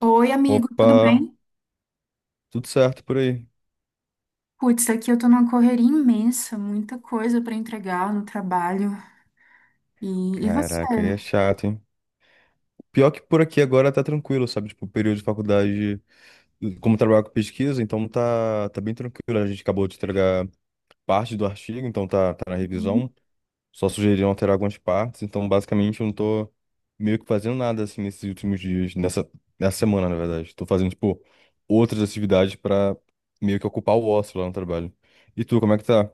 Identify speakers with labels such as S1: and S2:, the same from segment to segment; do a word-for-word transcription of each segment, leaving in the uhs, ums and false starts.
S1: Oi, amigo,
S2: Opa,
S1: tudo bem?
S2: tudo certo por aí?
S1: Putz, aqui eu tô numa correria imensa, muita coisa pra entregar no trabalho. E, e você?
S2: Caraca, aí é chato, hein? Pior que por aqui agora tá tranquilo, sabe? Tipo, o período de faculdade, como trabalho com pesquisa, então tá, tá bem tranquilo. A gente acabou de entregar parte do artigo, então tá, tá na
S1: Uhum.
S2: revisão. Só sugeriram alterar algumas partes, então basicamente eu não tô meio que fazendo nada assim nesses últimos dias, nessa, nessa semana, na verdade. Tô fazendo, tipo, outras atividades pra meio que ocupar o ócio lá no trabalho. E tu, como é que tá?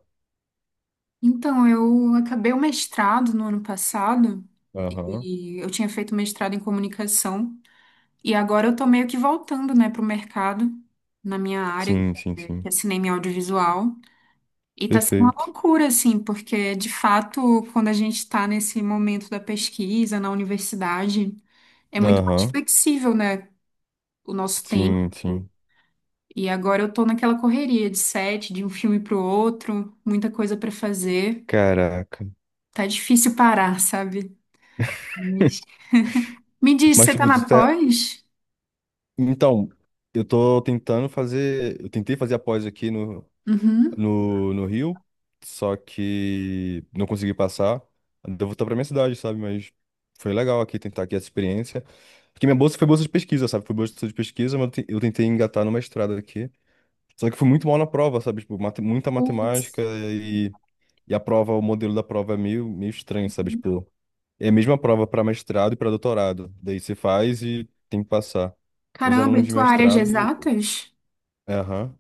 S1: Então, eu acabei o mestrado no ano passado
S2: Aham.
S1: e eu tinha feito mestrado em comunicação e agora eu tô meio que voltando, né, pro mercado na minha área, que
S2: Sim, sim,
S1: é que
S2: sim.
S1: é cinema e audiovisual. E tá sendo uma
S2: Perfeito.
S1: loucura, assim, porque de fato, quando a gente tá nesse momento da pesquisa na universidade, é muito mais
S2: Aham.
S1: flexível, né? O nosso tempo.
S2: Sim, sim.
S1: E agora eu tô naquela correria de sete, de um filme pro outro, muita coisa pra fazer.
S2: Caraca.
S1: Tá difícil parar, sabe? Mas- me diz,
S2: Mas,
S1: você tá
S2: tipo, tu
S1: na
S2: tá...
S1: pós?
S2: Então, eu tô tentando fazer. Eu tentei fazer a pós aqui no,
S1: Uhum.
S2: no, no Rio, só que não consegui passar. Devo voltar pra minha cidade, sabe? Mas foi legal aqui tentar aqui essa experiência. Porque minha bolsa foi bolsa de pesquisa, sabe? Foi bolsa de pesquisa, mas eu te- eu tentei engatar numa estrada aqui. Só que eu fui muito mal na prova, sabe? Tipo, mate- muita
S1: Putz.
S2: matemática e, e a prova, o modelo da prova é meio, meio estranho, sabe? Tipo, é a mesma prova para mestrado e para doutorado. Daí você faz e tem que passar. Os
S1: Caramba, e
S2: alunos de
S1: tua área de
S2: mestrado,
S1: exatas?
S2: é, aham.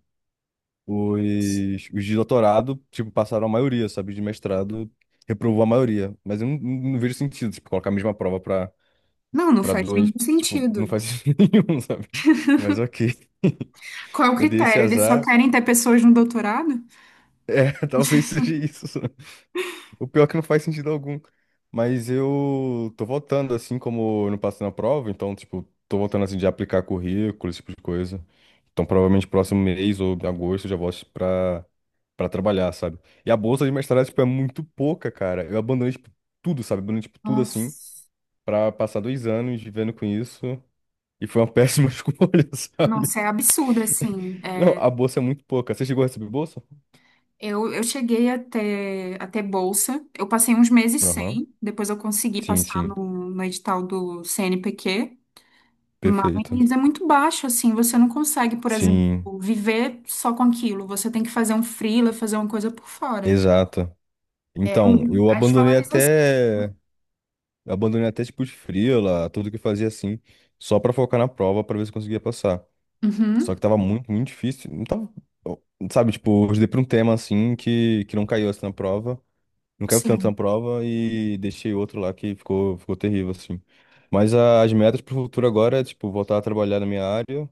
S2: Os, os de doutorado, tipo, passaram a maioria, sabe? De mestrado reprovou a maioria. Mas eu não, não- não vejo sentido, tipo, colocar a mesma prova para
S1: Não, não
S2: para
S1: faz nenhum
S2: dois, tipo, não
S1: sentido.
S2: faz sentido nenhum, sabe? Mas ok.
S1: Qual é o
S2: Eu dei esse
S1: critério? Eles só
S2: azar,
S1: querem ter pessoas no doutorado?
S2: talvez seja isso. O pior é que não faz sentido algum. Mas eu tô voltando, assim, como eu não passei na prova, então, tipo, tô voltando, assim, de aplicar currículo, esse tipo de coisa. Então, provavelmente, próximo mês ou em agosto eu já volto pra, pra trabalhar, sabe? E a bolsa de mestrado, tipo, é muito pouca, cara. Eu abandonei, tipo, tudo, sabe? Abandonei, tipo, tudo, assim,
S1: Nossa,
S2: pra passar dois anos vivendo com isso. E foi uma péssima escolha, sabe?
S1: nossa, é absurdo, assim.
S2: Não, a bolsa é muito pouca. Você chegou a receber bolsa?
S1: Eu, eu cheguei até, até bolsa. Eu passei uns meses
S2: Aham.
S1: sem, depois eu consegui
S2: Sim,
S1: passar
S2: sim.
S1: no, no edital do cê ene pê quê,
S2: Perfeito.
S1: mas é muito baixo, assim, você não consegue, por exemplo,
S2: Sim,
S1: viver só com aquilo. Você tem que fazer um freela, fazer uma coisa por fora.
S2: exato.
S1: É
S2: Então, eu
S1: a
S2: abandonei
S1: desvalorização.
S2: até. Abandonei até tipo de freela, tudo que eu fazia assim, só pra focar na prova, pra ver se eu conseguia passar. Só
S1: Uhum,
S2: que tava muito, muito difícil. Então tava, sabe, tipo, eu dei pra um tema assim que, que não caiu assim na prova, não caiu tanto
S1: sim.
S2: na prova e deixei outro lá que ficou, ficou terrível, assim. Mas a- as metas pro futuro agora é, tipo, voltar a trabalhar na minha área,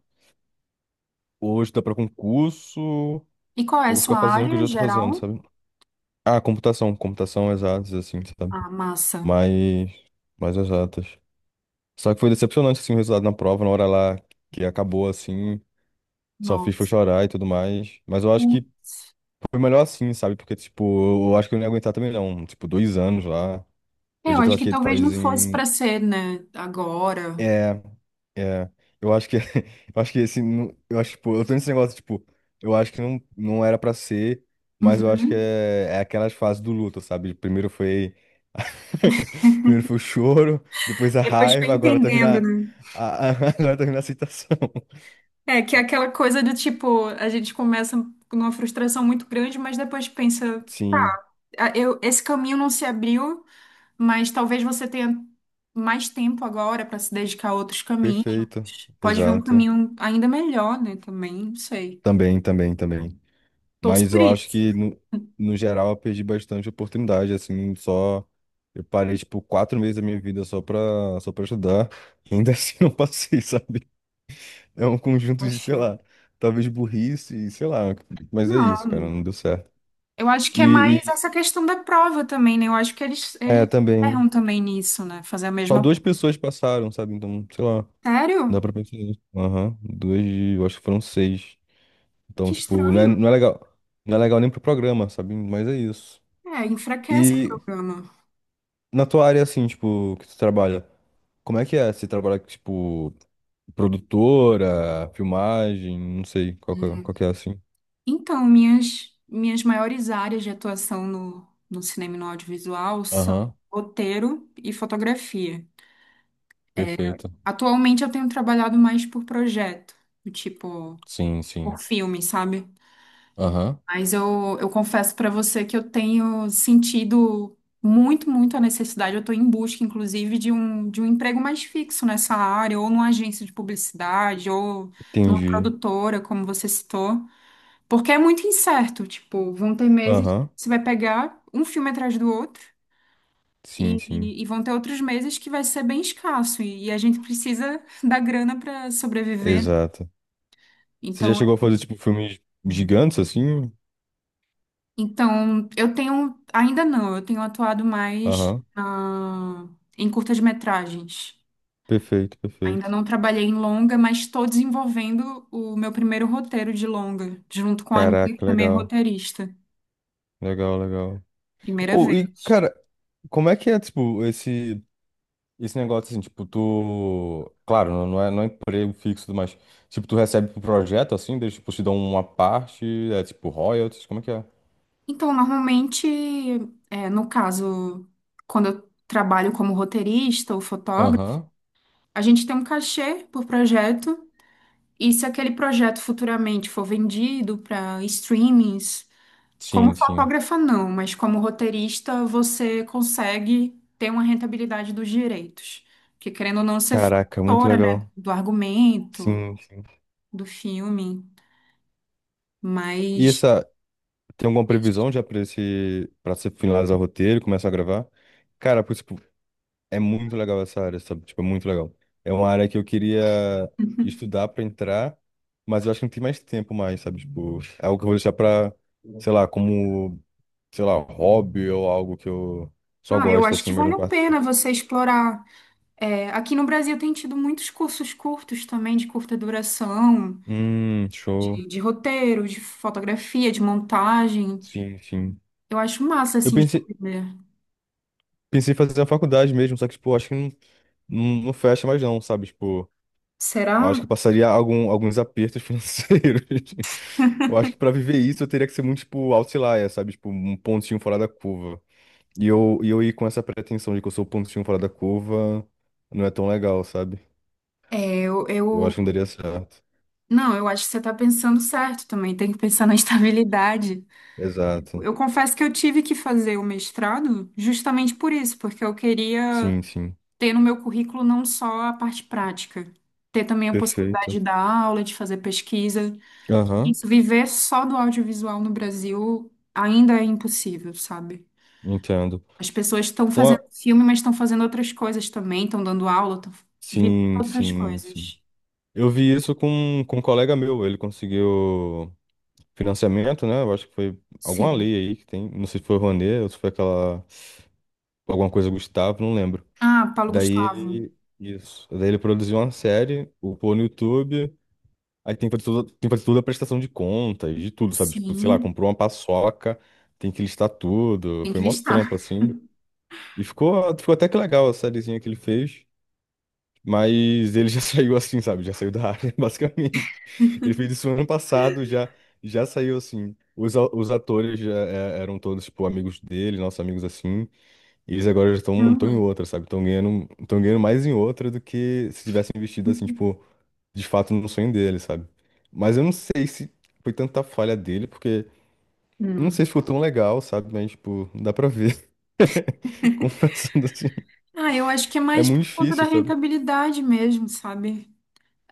S2: ou estudar pra concurso,
S1: E qual é a
S2: ou ficar
S1: sua
S2: fazendo o que eu
S1: área
S2: já tô fazendo,
S1: geral?
S2: sabe? Ah, computação, computação exatas, assim, sabe?
S1: Ah, massa.
S2: Mais, mais exatas. Só que foi decepcionante, assim, o resultado na prova, na hora lá que acabou, assim, só fiz foi
S1: Nossa.
S2: chorar e tudo mais. Mas eu acho que
S1: Putz.
S2: foi melhor assim, sabe? Porque, tipo, eu acho que eu não ia aguentar também não. Tipo, dois anos lá. Eu
S1: É, eu
S2: já tô
S1: acho que
S2: aqui
S1: talvez não fosse
S2: fazem
S1: para ser, né, agora.
S2: é, é, eu acho que, eu acho que esse, nu- eu acho, tipo, eu tô nesse negócio, tipo, eu acho que não, não era pra ser, mas eu acho que
S1: Uhum.
S2: é, é aquelas fases do luto, sabe? Primeiro foi, primeiro foi o choro, depois a
S1: Depois foi
S2: raiva, agora tá vindo
S1: entendendo,
S2: a,
S1: né?
S2: a- a- agora tá vindo a aceitação.
S1: É, que é aquela coisa do tipo, a gente começa numa frustração muito grande, mas depois pensa,
S2: Sim,
S1: "Ah, eu, esse caminho não se abriu, mas talvez você tenha mais tempo agora para se dedicar a outros caminhos.
S2: perfeito,
S1: Pode vir um
S2: exato.
S1: caminho ainda melhor, né? Também, não sei.
S2: Também, também, também.
S1: Torço
S2: Mas
S1: por
S2: eu acho
S1: isso."
S2: que, no, no geral, eu perdi bastante oportunidade, assim, só... Eu parei, tipo, quatro meses da minha vida só pra, só pra estudar, e ainda assim não passei, sabe? É um conjunto de, sei
S1: Poxa.
S2: lá, talvez burrice, sei lá, mas é isso,
S1: Não,
S2: cara, não deu certo.
S1: eu acho que é mais
S2: E, e
S1: essa questão da prova também, né? Eu acho que eles,
S2: é,
S1: eles
S2: também,
S1: erram também nisso, né? Fazer a
S2: só
S1: mesma.
S2: duas pessoas passaram, sabe? Então, sei lá, dá
S1: Sério?
S2: pra pensar nisso. Aham, duas, de- eu acho que foram seis. Então,
S1: Que
S2: tipo, não é,
S1: estranho.
S2: não é legal, não é legal nem pro programa, sabe? Mas é isso.
S1: É, enfraquece o
S2: E
S1: programa.
S2: na tua área, assim, tipo, que tu trabalha, como é que é? Você trabalha, tipo, produtora, filmagem, não sei, qual que é, qual que é, assim?
S1: Então, minhas, minhas maiores áreas de atuação no, no cinema e no audiovisual são
S2: Aham,
S1: roteiro e fotografia.
S2: perfeito.
S1: Atualmente eu tenho trabalhado mais por projeto, do tipo,
S2: Sim,
S1: por
S2: sim.
S1: filme, sabe?
S2: Aham.
S1: Mas eu, eu confesso pra você que eu tenho sentido muito, muito a necessidade. Eu tô em busca, inclusive, de um, de um emprego mais fixo nessa área, ou numa agência de publicidade, ou numa
S2: Entendi.
S1: produtora, como você citou. Porque é muito incerto, tipo, vão ter meses que
S2: Aham,
S1: você vai pegar um filme atrás do outro
S2: sim,
S1: e,
S2: sim.
S1: e- e vão ter outros meses que vai ser bem escasso e, e a gente precisa da grana para sobreviver, né?
S2: Exato. Você já
S1: Então,
S2: chegou a fazer, tipo, filmes gigantes, assim?
S1: então eu tenho, ainda não, eu tenho atuado mais
S2: Aham,
S1: na- em curtas-metragens.
S2: perfeito,
S1: Ainda
S2: perfeito.
S1: não trabalhei em longa, mas estou desenvolvendo o meu primeiro roteiro de longa, junto com a amiga que
S2: Caraca,
S1: também é
S2: legal,
S1: roteirista.
S2: legal, legal.
S1: Primeira
S2: Ô, e,
S1: vez.
S2: cara, como é que é, tipo, esse... Esse negócio assim, tipo, tu. Claro, não não é, não é emprego fixo, e tudo mais. Tipo, tu recebe pro projeto assim, eles tipo, te dão uma parte, é tipo royalties, como é que é?
S1: Então, normalmente, é, no caso, quando eu trabalho como roteirista ou fotógrafo,
S2: Aham.
S1: a gente tem um cachê por projeto, e se aquele projeto futuramente for vendido para streamings, como
S2: Sim, sim.
S1: fotógrafa não, mas como roteirista você consegue ter uma rentabilidade dos direitos. Porque querendo ou não, você foi
S2: Caraca, muito
S1: autora, né,
S2: legal.
S1: do argumento,
S2: Sim, sim.
S1: do filme,
S2: E
S1: mas
S2: essa, tem alguma previsão já pra esse, para você finalizar o roteiro, e começar a gravar? Cara, é muito legal essa área, sabe? Tipo, é muito legal. É uma área que eu queria estudar pra entrar, mas eu acho que não tem mais tempo mais, sabe? Tipo, é algo que eu vou deixar pra, sei lá, como, sei lá, hobby ou algo que eu só
S1: ah, eu
S2: gosto,
S1: acho
S2: assim,
S1: que
S2: mas
S1: vale
S2: não
S1: a pena
S2: participo.
S1: você explorar. É, aqui no Brasil tem tido muitos cursos curtos também, de curta duração,
S2: Hum, show.
S1: de, de roteiro, de fotografia, de montagem.
S2: Sim, sim.
S1: Eu acho massa,
S2: Eu
S1: assim, de
S2: pensei,
S1: aprender.
S2: pensei em fazer a faculdade mesmo, só que, tipo, acho que não, não, não fecha mais não, sabe? Tipo,
S1: Será?
S2: eu acho que eu passaria algum, alguns apertos financeiros. Eu acho que pra viver isso eu teria que ser muito, tipo, outlier, sabe? Tipo, um pontinho fora da curva. E eu, e eu ir com essa pretensão de que eu sou o pontinho fora da curva não é tão legal, sabe?
S1: É, Eu,
S2: Eu acho
S1: eu...
S2: que não daria certo.
S1: Não, eu acho que você está pensando certo também, tem que pensar na estabilidade.
S2: Exato.
S1: Eu confesso que eu tive que fazer o mestrado justamente por isso, porque eu queria
S2: Sim, sim.
S1: ter no meu currículo não só a parte prática, ter também a possibilidade
S2: Perfeito.
S1: de dar aula, de fazer pesquisa.
S2: Aham,
S1: Isso, viver só do audiovisual no Brasil ainda é impossível, sabe?
S2: entendo.
S1: As pessoas estão
S2: Uma...
S1: fazendo filme, mas estão fazendo outras coisas também, estão dando aula, estão vivendo
S2: Sim,
S1: outras
S2: sim, sim.
S1: coisas.
S2: Eu vi isso com, com um colega meu. Ele conseguiu financiamento, né? Eu acho que foi alguma
S1: Sim.
S2: lei aí que tem. Não sei se foi o Rouanet ou se foi aquela alguma coisa Gustavo, não lembro.
S1: Ah, Paulo
S2: Daí
S1: Gustavo.
S2: ele, isso, daí ele produziu uma série, upou no YouTube, aí tem que fazer toda, tem que fazer toda a prestação de contas, de tudo, sabe? Tipo, sei lá,
S1: Sim,
S2: comprou uma paçoca, tem que listar tudo,
S1: tem
S2: foi
S1: que
S2: mó trampo,
S1: listar.
S2: assim. E ficou, ficou até que legal a sériezinha que ele fez, mas ele já saiu assim, sabe? Já saiu da área, basicamente. Ele fez isso ano passado, já, já saiu assim. Os, a- os atores já é, eram todos, tipo, amigos dele, nossos amigos assim. E eles agora já estão tão
S1: Caramba.
S2: em outra, sabe? Estão ganhando, estão ganhando mais em outra do que se tivessem investido, assim, tipo, de fato no sonho dele, sabe? Mas eu não sei se foi tanta falha dele, porque eu não
S1: Hum.
S2: sei se ficou tão legal, sabe? Mas, tipo, dá pra ver. Confessando assim,
S1: Ah, eu acho que é
S2: é
S1: mais
S2: muito
S1: por conta da
S2: difícil, sabe?
S1: rentabilidade mesmo, sabe?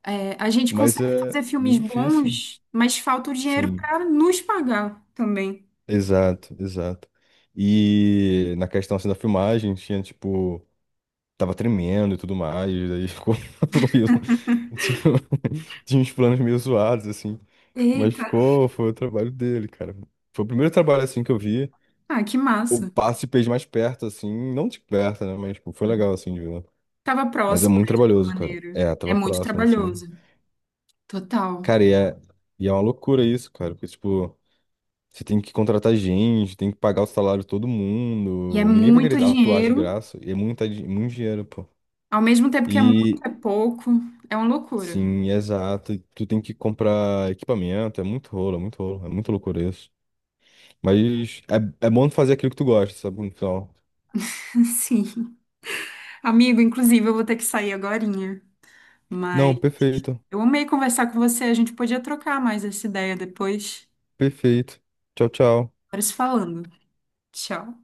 S1: É, a gente
S2: Mas
S1: consegue
S2: é
S1: fazer filmes
S2: bem difícil.
S1: bons, mas falta o dinheiro
S2: Sim,
S1: para nos pagar também.
S2: exato, exato. E na questão, assim, da filmagem, tinha, tipo, tava tremendo e tudo mais, daí ficou, ficou meio, tinha, tinha uns planos meio zoados, assim, mas
S1: Eita.
S2: ficou, foi o trabalho dele, cara. Foi o primeiro trabalho, assim, que eu vi,
S1: Ah, que
S2: o
S1: massa.
S2: passe fez mais perto, assim, não de perto, né, mas, tipo, foi legal, assim, de ver.
S1: Tava
S2: Mas é
S1: próximo,
S2: muito
S1: né, de
S2: trabalhoso,
S1: alguma
S2: cara.
S1: maneira.
S2: É,
S1: É
S2: tava
S1: muito
S2: próximo, assim.
S1: trabalhoso, total.
S2: Cara, e é, e é uma loucura isso, cara, porque, tipo, você tem que contratar gente, tem que pagar o salário de todo
S1: E é
S2: mundo, ninguém vai
S1: muito
S2: querer atuar de
S1: dinheiro,
S2: graça, e é muita, di- muito dinheiro, pô.
S1: ao mesmo tempo que é muito,
S2: E,
S1: é pouco. É uma loucura.
S2: Sim, exato. E tu tem que comprar equipamento, é muito rolo, é muito rolo, é muito loucura isso. Mas é, é bom fazer aquilo que tu gosta, sabe? No final.
S1: Sim. Amigo, inclusive, eu vou ter que sair agorinha. Mas
S2: Não, perfeito,
S1: eu amei conversar com você. A gente podia trocar mais essa ideia depois.
S2: perfeito. Tchau, tchau.
S1: Bora se falando. Tchau.